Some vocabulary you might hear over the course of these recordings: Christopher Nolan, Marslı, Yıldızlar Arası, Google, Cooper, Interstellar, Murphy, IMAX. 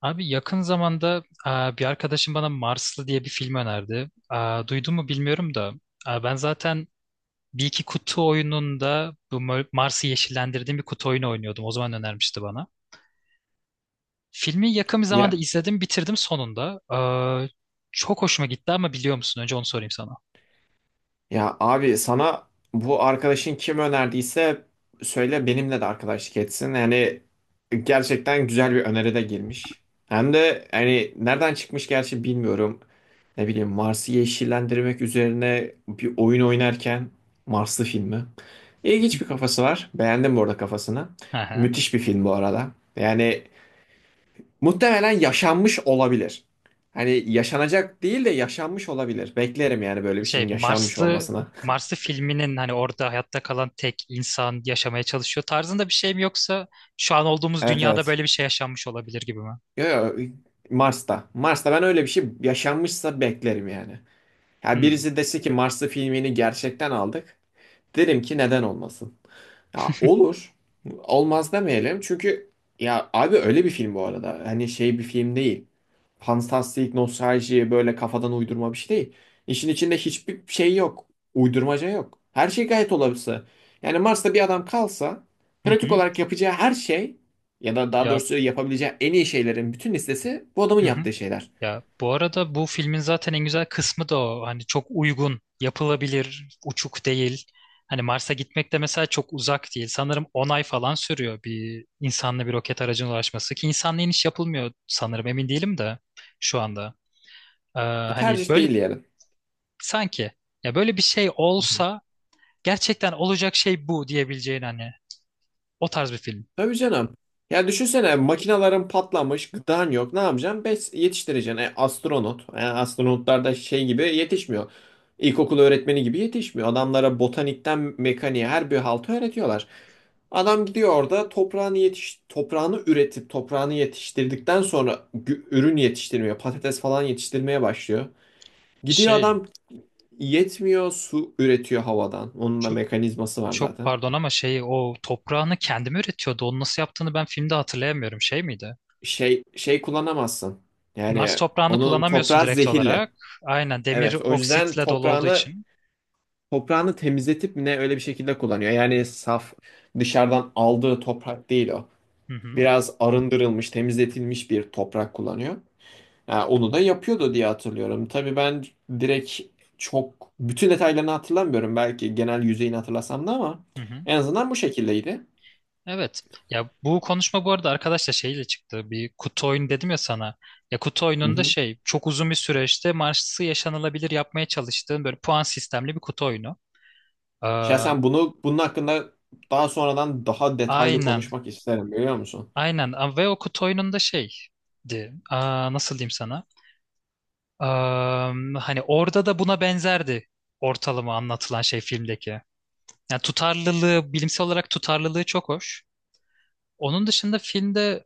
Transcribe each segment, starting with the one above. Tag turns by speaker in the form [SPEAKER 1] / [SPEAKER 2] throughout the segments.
[SPEAKER 1] Abi yakın zamanda bir arkadaşım bana Marslı diye bir film önerdi. Duydun mu bilmiyorum da ben zaten bir iki kutu oyununda bu Mars'ı yeşillendirdiğim bir kutu oyunu oynuyordum. O zaman önermişti bana. Filmi yakın bir zamanda
[SPEAKER 2] Ya
[SPEAKER 1] izledim, bitirdim sonunda. E, Çok hoşuma gitti, ama biliyor musun? Önce onu sorayım sana.
[SPEAKER 2] ya abi sana bu arkadaşın kim önerdiyse söyle benimle de arkadaşlık etsin. Yani gerçekten güzel bir öneride girmiş. Hem de yani nereden çıkmış gerçi bilmiyorum. Ne bileyim Mars'ı yeşillendirmek üzerine bir oyun oynarken Marslı filmi. İlginç bir kafası var. Beğendim bu arada kafasını.
[SPEAKER 1] Hı hı.
[SPEAKER 2] Müthiş bir film bu arada. Yani muhtemelen yaşanmış olabilir. Hani yaşanacak değil de yaşanmış olabilir. Beklerim yani böyle bir şeyin
[SPEAKER 1] Şey,
[SPEAKER 2] yaşanmış
[SPEAKER 1] Marslı
[SPEAKER 2] olmasını.
[SPEAKER 1] Marslı filminin hani orada hayatta kalan tek insan yaşamaya çalışıyor tarzında bir şey mi, yoksa şu an olduğumuz
[SPEAKER 2] Evet,
[SPEAKER 1] dünyada
[SPEAKER 2] evet.
[SPEAKER 1] böyle bir şey yaşanmış olabilir gibi mi?
[SPEAKER 2] Yo, yo, Mars'ta. Mars'ta ben öyle bir şey yaşanmışsa beklerim yani. Ya
[SPEAKER 1] Hmm.
[SPEAKER 2] birisi dese ki Marslı filmini gerçekten aldık. Derim ki neden olmasın. Ya olur. Olmaz demeyelim. Çünkü ya abi öyle bir film bu arada. Hani şey bir film değil. Fantastik, nostalji, böyle kafadan uydurma bir şey değil. İşin içinde hiçbir şey yok. Uydurmaca yok. Her şey gayet olası. Yani Mars'ta bir adam kalsa
[SPEAKER 1] Hı
[SPEAKER 2] pratik
[SPEAKER 1] hı.
[SPEAKER 2] olarak yapacağı her şey ya da daha
[SPEAKER 1] Ya,
[SPEAKER 2] doğrusu yapabileceği en iyi şeylerin bütün listesi bu adamın
[SPEAKER 1] hı hı.
[SPEAKER 2] yaptığı şeyler.
[SPEAKER 1] Ya, bu arada bu filmin zaten en güzel kısmı da o. Hani çok uygun, yapılabilir, uçuk değil. Hani Mars'a gitmek de mesela çok uzak değil. Sanırım 10 ay falan sürüyor bir insanla bir roket aracına ulaşması, ki insanla iniş yapılmıyor sanırım, emin değilim de şu anda. Hani
[SPEAKER 2] Tercih değil
[SPEAKER 1] böyle
[SPEAKER 2] yani.
[SPEAKER 1] sanki, ya böyle bir şey olsa gerçekten olacak şey bu diyebileceğin hani o tarz bir film.
[SPEAKER 2] Tabii canım. Ya düşünsene makinaların patlamış, gıdan yok. Ne yapacaksın? Bes yetiştireceksin. Astronot. Astronotlar da şey gibi yetişmiyor. İlkokul öğretmeni gibi yetişmiyor. Adamlara botanikten mekaniğe her bir haltı öğretiyorlar. Adam gidiyor orada toprağını üretip toprağını yetiştirdikten sonra ürün yetiştirmeye, patates falan yetiştirmeye başlıyor. Gidiyor
[SPEAKER 1] Şey,
[SPEAKER 2] adam yetmiyor, su üretiyor havadan. Onun da
[SPEAKER 1] ço-
[SPEAKER 2] mekanizması var
[SPEAKER 1] çok
[SPEAKER 2] zaten.
[SPEAKER 1] pardon, ama şeyi, o toprağını kendi mi üretiyordu? Onu nasıl yaptığını ben filmde hatırlayamıyorum. Şey miydi?
[SPEAKER 2] Şey kullanamazsın.
[SPEAKER 1] Mars
[SPEAKER 2] Yani
[SPEAKER 1] toprağını
[SPEAKER 2] onun
[SPEAKER 1] kullanamıyorsun
[SPEAKER 2] toprağı
[SPEAKER 1] direkt
[SPEAKER 2] zehirli.
[SPEAKER 1] olarak. Aynen, demir
[SPEAKER 2] Evet, o yüzden
[SPEAKER 1] oksitle dolu olduğu
[SPEAKER 2] toprağını
[SPEAKER 1] için.
[SPEAKER 2] toprağını temizletip mi ne öyle bir şekilde kullanıyor. Yani saf dışarıdan aldığı toprak değil o.
[SPEAKER 1] Hı hı.
[SPEAKER 2] Biraz arındırılmış, temizletilmiş bir toprak kullanıyor. Yani onu da yapıyordu diye hatırlıyorum. Tabii ben direkt çok bütün detaylarını hatırlamıyorum. Belki genel yüzeyini hatırlasam da ama
[SPEAKER 1] Hı hı.
[SPEAKER 2] en azından bu şekildeydi.
[SPEAKER 1] Evet. Ya, bu konuşma bu arada arkadaşla şeyle çıktı. Bir kutu oyunu dedim ya sana. Ya, kutu
[SPEAKER 2] Hı
[SPEAKER 1] oyununda
[SPEAKER 2] hı.
[SPEAKER 1] şey, çok uzun bir süreçte Mars'ı yaşanılabilir yapmaya çalıştığın böyle puan sistemli bir kutu oyunu. Ee,
[SPEAKER 2] Şahsen bunun hakkında daha sonradan daha detaylı
[SPEAKER 1] aynen.
[SPEAKER 2] konuşmak isterim biliyor musun?
[SPEAKER 1] Aynen. Ve o kutu oyununda şeydi. Nasıl diyeyim sana? Hani orada da buna benzerdi ortalama anlatılan şey filmdeki. Yani tutarlılığı, bilimsel olarak tutarlılığı çok hoş. Onun dışında filmde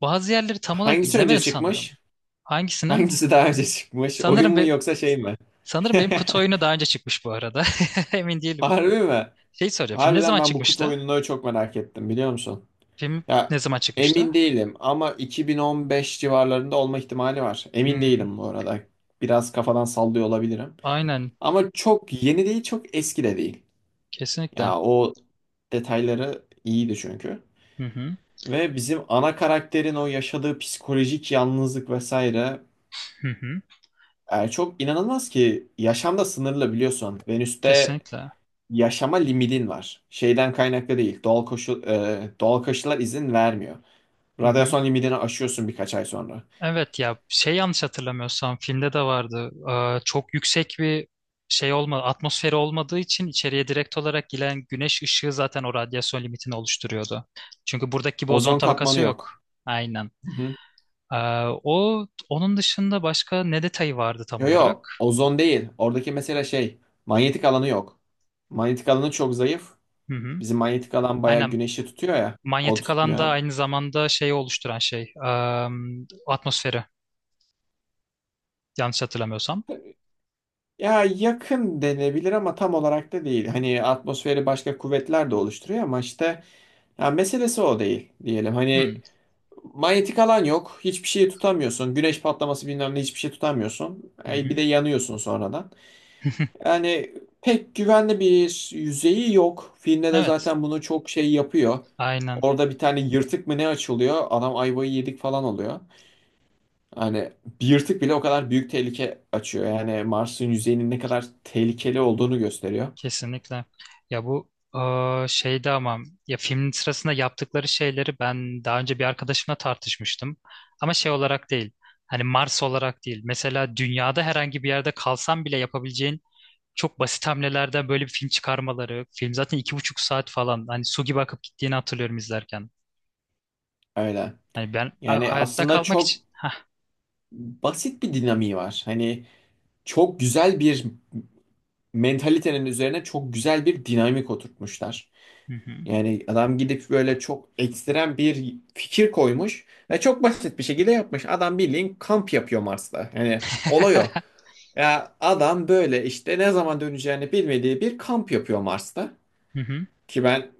[SPEAKER 1] bazı yerleri tam olarak
[SPEAKER 2] Hangisi önce
[SPEAKER 1] izlemedim sanırım.
[SPEAKER 2] çıkmış?
[SPEAKER 1] Hangisinin?
[SPEAKER 2] Hangisi daha önce çıkmış? Oyun
[SPEAKER 1] Sanırım
[SPEAKER 2] mu
[SPEAKER 1] be,
[SPEAKER 2] yoksa şey mi?
[SPEAKER 1] sanırım benim kutu oyunu daha önce çıkmış bu arada. Emin değilim.
[SPEAKER 2] Harbi mi?
[SPEAKER 1] Şey soracağım. Film ne
[SPEAKER 2] Harbiden
[SPEAKER 1] zaman
[SPEAKER 2] ben bu kutu
[SPEAKER 1] çıkmıştı?
[SPEAKER 2] oyununu çok merak ettim biliyor musun?
[SPEAKER 1] Film ne
[SPEAKER 2] Ya
[SPEAKER 1] zaman çıkmıştı?
[SPEAKER 2] emin değilim ama 2015 civarlarında olma ihtimali var. Emin
[SPEAKER 1] Hmm,
[SPEAKER 2] değilim bu arada. Biraz kafadan sallıyor olabilirim.
[SPEAKER 1] aynen.
[SPEAKER 2] Ama çok yeni değil, çok eski de değil.
[SPEAKER 1] Kesinlikle.
[SPEAKER 2] Ya o detayları iyiydi çünkü.
[SPEAKER 1] Hı hı.
[SPEAKER 2] Ve bizim ana karakterin o yaşadığı psikolojik yalnızlık vesaire.
[SPEAKER 1] Hı hı.
[SPEAKER 2] Yani çok inanılmaz ki yaşam da sınırlı biliyorsun. Venüs'te
[SPEAKER 1] Kesinlikle.
[SPEAKER 2] yaşama limitin var. Şeyden kaynaklı değil. Doğal koşullar izin vermiyor.
[SPEAKER 1] Hı hı.
[SPEAKER 2] Radyasyon limitini aşıyorsun birkaç ay sonra.
[SPEAKER 1] Evet, ya şey, yanlış hatırlamıyorsam filmde de vardı. Çok yüksek bir şey olma, atmosferi olmadığı için içeriye direkt olarak giren güneş ışığı zaten o radyasyon limitini oluşturuyordu. Çünkü buradaki gibi ozon
[SPEAKER 2] Ozon
[SPEAKER 1] tabakası
[SPEAKER 2] katmanı
[SPEAKER 1] yok.
[SPEAKER 2] yok.
[SPEAKER 1] Aynen.
[SPEAKER 2] Hı hı.
[SPEAKER 1] Ee, o onun dışında başka ne detayı vardı tam
[SPEAKER 2] Yo, yo,
[SPEAKER 1] olarak?
[SPEAKER 2] ozon değil. Oradaki mesele şey, manyetik alanı yok. Manyetik alanı çok zayıf.
[SPEAKER 1] Hı hı.
[SPEAKER 2] Bizim manyetik alan bayağı
[SPEAKER 1] Aynen.
[SPEAKER 2] güneşi tutuyor ya. O
[SPEAKER 1] Manyetik alanda
[SPEAKER 2] tutmuyor.
[SPEAKER 1] aynı zamanda şeyi oluşturan şey, atmosferi, yanlış hatırlamıyorsam.
[SPEAKER 2] Ya yakın denebilir ama tam olarak da değil. Hani atmosferi başka kuvvetler de oluşturuyor ama işte ya meselesi o değil diyelim. Hani
[SPEAKER 1] Hı
[SPEAKER 2] manyetik alan yok. Hiçbir şeyi tutamıyorsun. Güneş patlaması, bilmem ne, hiçbir şey tutamıyorsun.
[SPEAKER 1] hı.
[SPEAKER 2] Bir de
[SPEAKER 1] Hı.
[SPEAKER 2] yanıyorsun sonradan. Yani pek güvenli bir yüzeyi yok. Filmde de
[SPEAKER 1] Evet.
[SPEAKER 2] zaten bunu çok şey yapıyor.
[SPEAKER 1] Aynen.
[SPEAKER 2] Orada bir tane yırtık mı ne açılıyor? Adam ayvayı yedik falan oluyor. Hani bir yırtık bile o kadar büyük tehlike açıyor. Yani Mars'ın yüzeyinin ne kadar tehlikeli olduğunu gösteriyor.
[SPEAKER 1] Kesinlikle. Ya bu şeyde ama, ya filmin sırasında yaptıkları şeyleri ben daha önce bir arkadaşımla tartışmıştım. Ama şey olarak değil. Hani Mars olarak değil. Mesela dünyada herhangi bir yerde kalsan bile yapabileceğin çok basit hamlelerden böyle bir film çıkarmaları. Film zaten 2,5 saat falan. Hani su gibi akıp gittiğini hatırlıyorum izlerken.
[SPEAKER 2] Öyle.
[SPEAKER 1] Hani ben
[SPEAKER 2] Yani
[SPEAKER 1] hayatta
[SPEAKER 2] aslında
[SPEAKER 1] kalmak
[SPEAKER 2] çok
[SPEAKER 1] için. Hah.
[SPEAKER 2] basit bir dinamiği var. Hani çok güzel bir mentalitenin üzerine çok güzel bir dinamik oturtmuşlar.
[SPEAKER 1] Hı hı.
[SPEAKER 2] Yani adam gidip böyle çok ekstrem bir fikir koymuş ve çok basit bir şekilde yapmış. Adam bildiğin kamp yapıyor Mars'ta. Yani olay o. Ya adam böyle işte ne zaman döneceğini bilmediği bir kamp yapıyor Mars'ta.
[SPEAKER 1] Hı hı.
[SPEAKER 2] Ki ben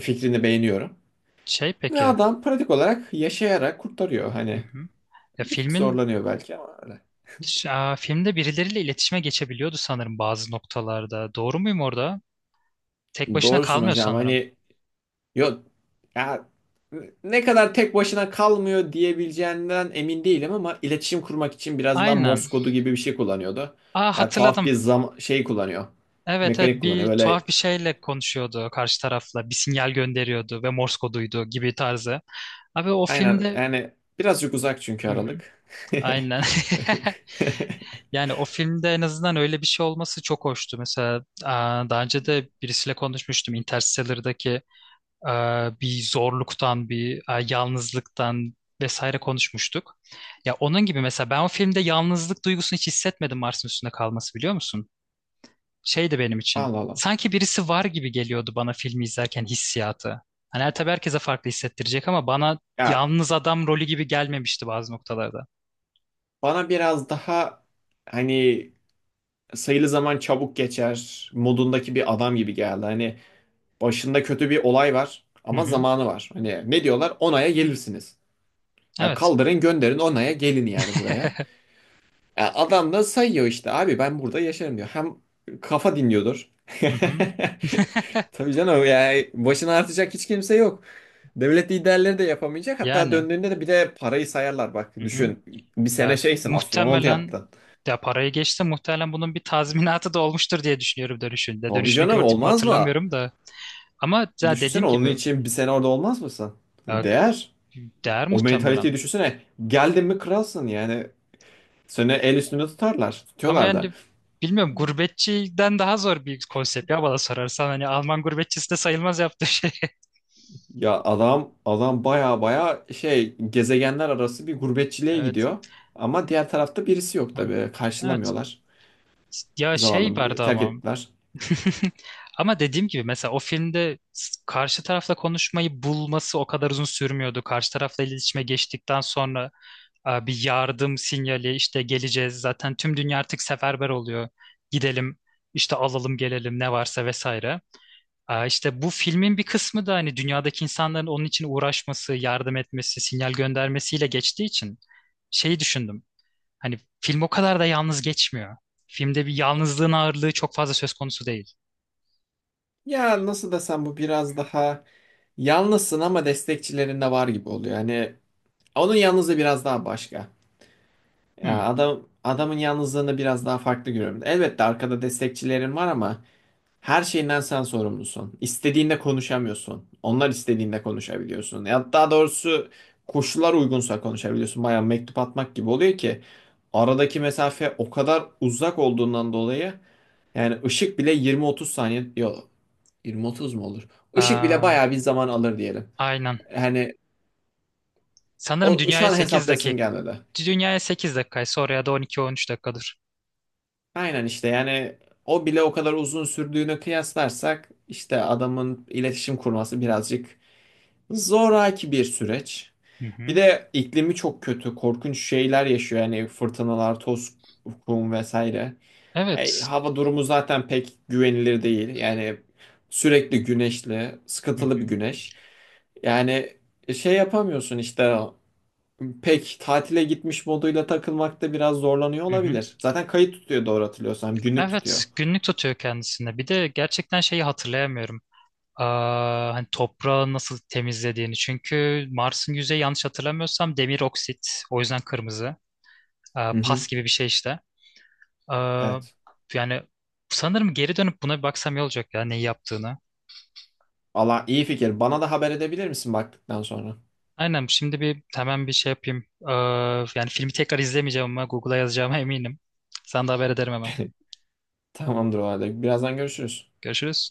[SPEAKER 2] fikrini beğeniyorum.
[SPEAKER 1] Şey
[SPEAKER 2] Ve
[SPEAKER 1] peki.
[SPEAKER 2] adam pratik olarak yaşayarak kurtarıyor.
[SPEAKER 1] Hı
[SPEAKER 2] Hani
[SPEAKER 1] hı. Ya,
[SPEAKER 2] bir tık
[SPEAKER 1] filmin,
[SPEAKER 2] zorlanıyor belki ama öyle.
[SPEAKER 1] Filmde birileriyle iletişime geçebiliyordu sanırım bazı noktalarda. Doğru muyum orada? Tek başına
[SPEAKER 2] Doğrusun
[SPEAKER 1] kalmıyor
[SPEAKER 2] hocam.
[SPEAKER 1] sanırım.
[SPEAKER 2] Hani yok ya, ne kadar tek başına kalmıyor diyebileceğinden emin değilim ama iletişim kurmak için biraz daha
[SPEAKER 1] Aynen.
[SPEAKER 2] Morse kodu gibi bir şey kullanıyordu. Ya tuhaf
[SPEAKER 1] Hatırladım.
[SPEAKER 2] bir şey kullanıyor.
[SPEAKER 1] Evet, evet,
[SPEAKER 2] Mekanik
[SPEAKER 1] bir
[SPEAKER 2] kullanıyor. Böyle
[SPEAKER 1] tuhaf bir şeyle konuşuyordu karşı tarafla. Bir sinyal gönderiyordu ve Morse koduydu gibi tarzı. Abi o
[SPEAKER 2] aynen,
[SPEAKER 1] filmde...
[SPEAKER 2] yani birazcık uzak çünkü
[SPEAKER 1] Hı hı,
[SPEAKER 2] Aralık.
[SPEAKER 1] aynen. Yani o filmde en azından öyle bir şey olması çok hoştu. Mesela daha önce de birisiyle konuşmuştum. Interstellar'daki e, bir zorluktan, bir yalnızlıktan vesaire konuşmuştuk. Ya, onun gibi mesela ben o filmde yalnızlık duygusunu hiç hissetmedim Mars'ın üstünde kalması, biliyor musun? Şeydi benim için.
[SPEAKER 2] Allah Allah.
[SPEAKER 1] Sanki birisi var gibi geliyordu bana filmi izlerken, hissiyatı. Hani her, tabii herkese farklı hissettirecek, ama bana
[SPEAKER 2] Ya
[SPEAKER 1] yalnız adam rolü gibi gelmemişti bazı noktalarda.
[SPEAKER 2] bana biraz daha hani sayılı zaman çabuk geçer modundaki bir adam gibi geldi. Hani başında kötü bir olay var
[SPEAKER 1] Hı
[SPEAKER 2] ama
[SPEAKER 1] hı.
[SPEAKER 2] zamanı var. Hani ne diyorlar? 10 aya gelirsiniz. Ya
[SPEAKER 1] Evet.
[SPEAKER 2] kaldırın gönderin, 10 aya gelin yani buraya. Ya adam da sayıyor işte, abi ben burada yaşarım diyor. Hem kafa dinliyordur.
[SPEAKER 1] Hı hı.
[SPEAKER 2] Tabii canım, yani başına artacak hiç kimse yok. Devlet liderleri de yapamayacak. Hatta
[SPEAKER 1] Yani.
[SPEAKER 2] döndüğünde de bir de parayı sayarlar. Bak
[SPEAKER 1] Hı hı.
[SPEAKER 2] düşün, bir sene
[SPEAKER 1] Ya
[SPEAKER 2] şeysin, astronot
[SPEAKER 1] muhtemelen,
[SPEAKER 2] yaptın.
[SPEAKER 1] ya parayı geçti, muhtemelen bunun bir tazminatı da olmuştur diye düşünüyorum dönüşünde.
[SPEAKER 2] Tabii
[SPEAKER 1] Dönüşünü
[SPEAKER 2] canım,
[SPEAKER 1] gördük mü
[SPEAKER 2] olmaz mı?
[SPEAKER 1] hatırlamıyorum da. Ama ya, dediğim
[SPEAKER 2] Düşünsene, onun
[SPEAKER 1] gibi,
[SPEAKER 2] için bir sene orada olmaz mısın?
[SPEAKER 1] ya
[SPEAKER 2] Değer.
[SPEAKER 1] değer
[SPEAKER 2] O
[SPEAKER 1] muhtemelen.
[SPEAKER 2] mentaliteyi düşünsene. Geldin mi kralsın yani. Seni el üstünde tutarlar.
[SPEAKER 1] Ama
[SPEAKER 2] Tutuyorlar da.
[SPEAKER 1] yani bilmiyorum, gurbetçiden daha zor bir konsept ya, bana sorarsan. Hani Alman gurbetçisi de sayılmaz yaptığı şey.
[SPEAKER 2] Ya adam baya baya şey gezegenler arası bir gurbetçiliğe
[SPEAKER 1] Evet.
[SPEAKER 2] gidiyor. Ama diğer tarafta birisi yok tabii.
[SPEAKER 1] Evet.
[SPEAKER 2] Karşılamıyorlar.
[SPEAKER 1] Ya şey
[SPEAKER 2] Zavallım,
[SPEAKER 1] vardı
[SPEAKER 2] terk
[SPEAKER 1] ama.
[SPEAKER 2] ettiler.
[SPEAKER 1] Ama dediğim gibi, mesela o filmde karşı tarafla konuşmayı bulması o kadar uzun sürmüyordu. Karşı tarafla iletişime geçtikten sonra bir yardım sinyali, işte geleceğiz, zaten tüm dünya artık seferber oluyor. Gidelim işte, alalım, gelelim ne varsa vesaire. İşte bu filmin bir kısmı da hani dünyadaki insanların onun için uğraşması, yardım etmesi, sinyal göndermesiyle geçtiği için şeyi düşündüm. Hani film o kadar da yalnız geçmiyor. Filmde bir yalnızlığın ağırlığı çok fazla söz konusu değil.
[SPEAKER 2] Ya nasıl desem, bu biraz daha yalnızsın ama destekçilerin de var gibi oluyor. Yani onun yalnızlığı biraz daha başka. Ya
[SPEAKER 1] Hmm.
[SPEAKER 2] adamın yalnızlığını biraz daha farklı görüyorum. Elbette arkada destekçilerin var ama her şeyinden sen sorumlusun. İstediğinde konuşamıyorsun. Onlar istediğinde konuşabiliyorsun. Ya daha doğrusu koşullar uygunsa konuşabiliyorsun. Bayağı mektup atmak gibi oluyor ki aradaki mesafe o kadar uzak olduğundan dolayı yani ışık bile 20-30 saniye, yok, 20-30 mu olur? Işık bile
[SPEAKER 1] Ee,
[SPEAKER 2] bayağı bir zaman alır diyelim.
[SPEAKER 1] aynen.
[SPEAKER 2] Hani
[SPEAKER 1] Sanırım
[SPEAKER 2] o şu
[SPEAKER 1] dünyaya
[SPEAKER 2] an
[SPEAKER 1] 8
[SPEAKER 2] hesaplayasım
[SPEAKER 1] dakika.
[SPEAKER 2] gelmedi.
[SPEAKER 1] Dünyaya 8 dakikaysa, oraya da on 13 dakikadır.
[SPEAKER 2] Aynen işte, yani o bile o kadar uzun sürdüğünü kıyaslarsak işte adamın iletişim kurması birazcık zoraki bir süreç.
[SPEAKER 1] Hı
[SPEAKER 2] Bir
[SPEAKER 1] hı.
[SPEAKER 2] de iklimi çok kötü, korkunç şeyler yaşıyor yani, fırtınalar, toz, kum vesaire. E,
[SPEAKER 1] Evet.
[SPEAKER 2] hava durumu zaten pek güvenilir değil. Yani sürekli güneşli,
[SPEAKER 1] Hı hı.
[SPEAKER 2] sıkıntılı bir güneş. Yani şey yapamıyorsun işte, pek tatile gitmiş moduyla takılmakta biraz zorlanıyor
[SPEAKER 1] Hı hı.
[SPEAKER 2] olabilir. Zaten kayıt tutuyor doğru hatırlıyorsam. Günlük tutuyor.
[SPEAKER 1] Evet, günlük tutuyor kendisinde. Bir de gerçekten şeyi hatırlayamıyorum. Hani toprağı nasıl temizlediğini. Çünkü Mars'ın yüzeyi, yanlış hatırlamıyorsam, demir oksit. O yüzden kırmızı.
[SPEAKER 2] Hı hı.
[SPEAKER 1] Pas gibi bir şey işte. Aa,
[SPEAKER 2] Evet.
[SPEAKER 1] yani sanırım geri dönüp buna bir baksam iyi olacak, ya neyi yaptığını.
[SPEAKER 2] Allah iyi fikir. Bana da haber edebilir misin baktıktan sonra?
[SPEAKER 1] Aynen, şimdi bir hemen bir şey yapayım. Yani filmi tekrar izlemeyeceğim, ama Google'a yazacağıma eminim. Sen de haber ederim hemen.
[SPEAKER 2] Tamamdır o halde. Birazdan görüşürüz.
[SPEAKER 1] Görüşürüz.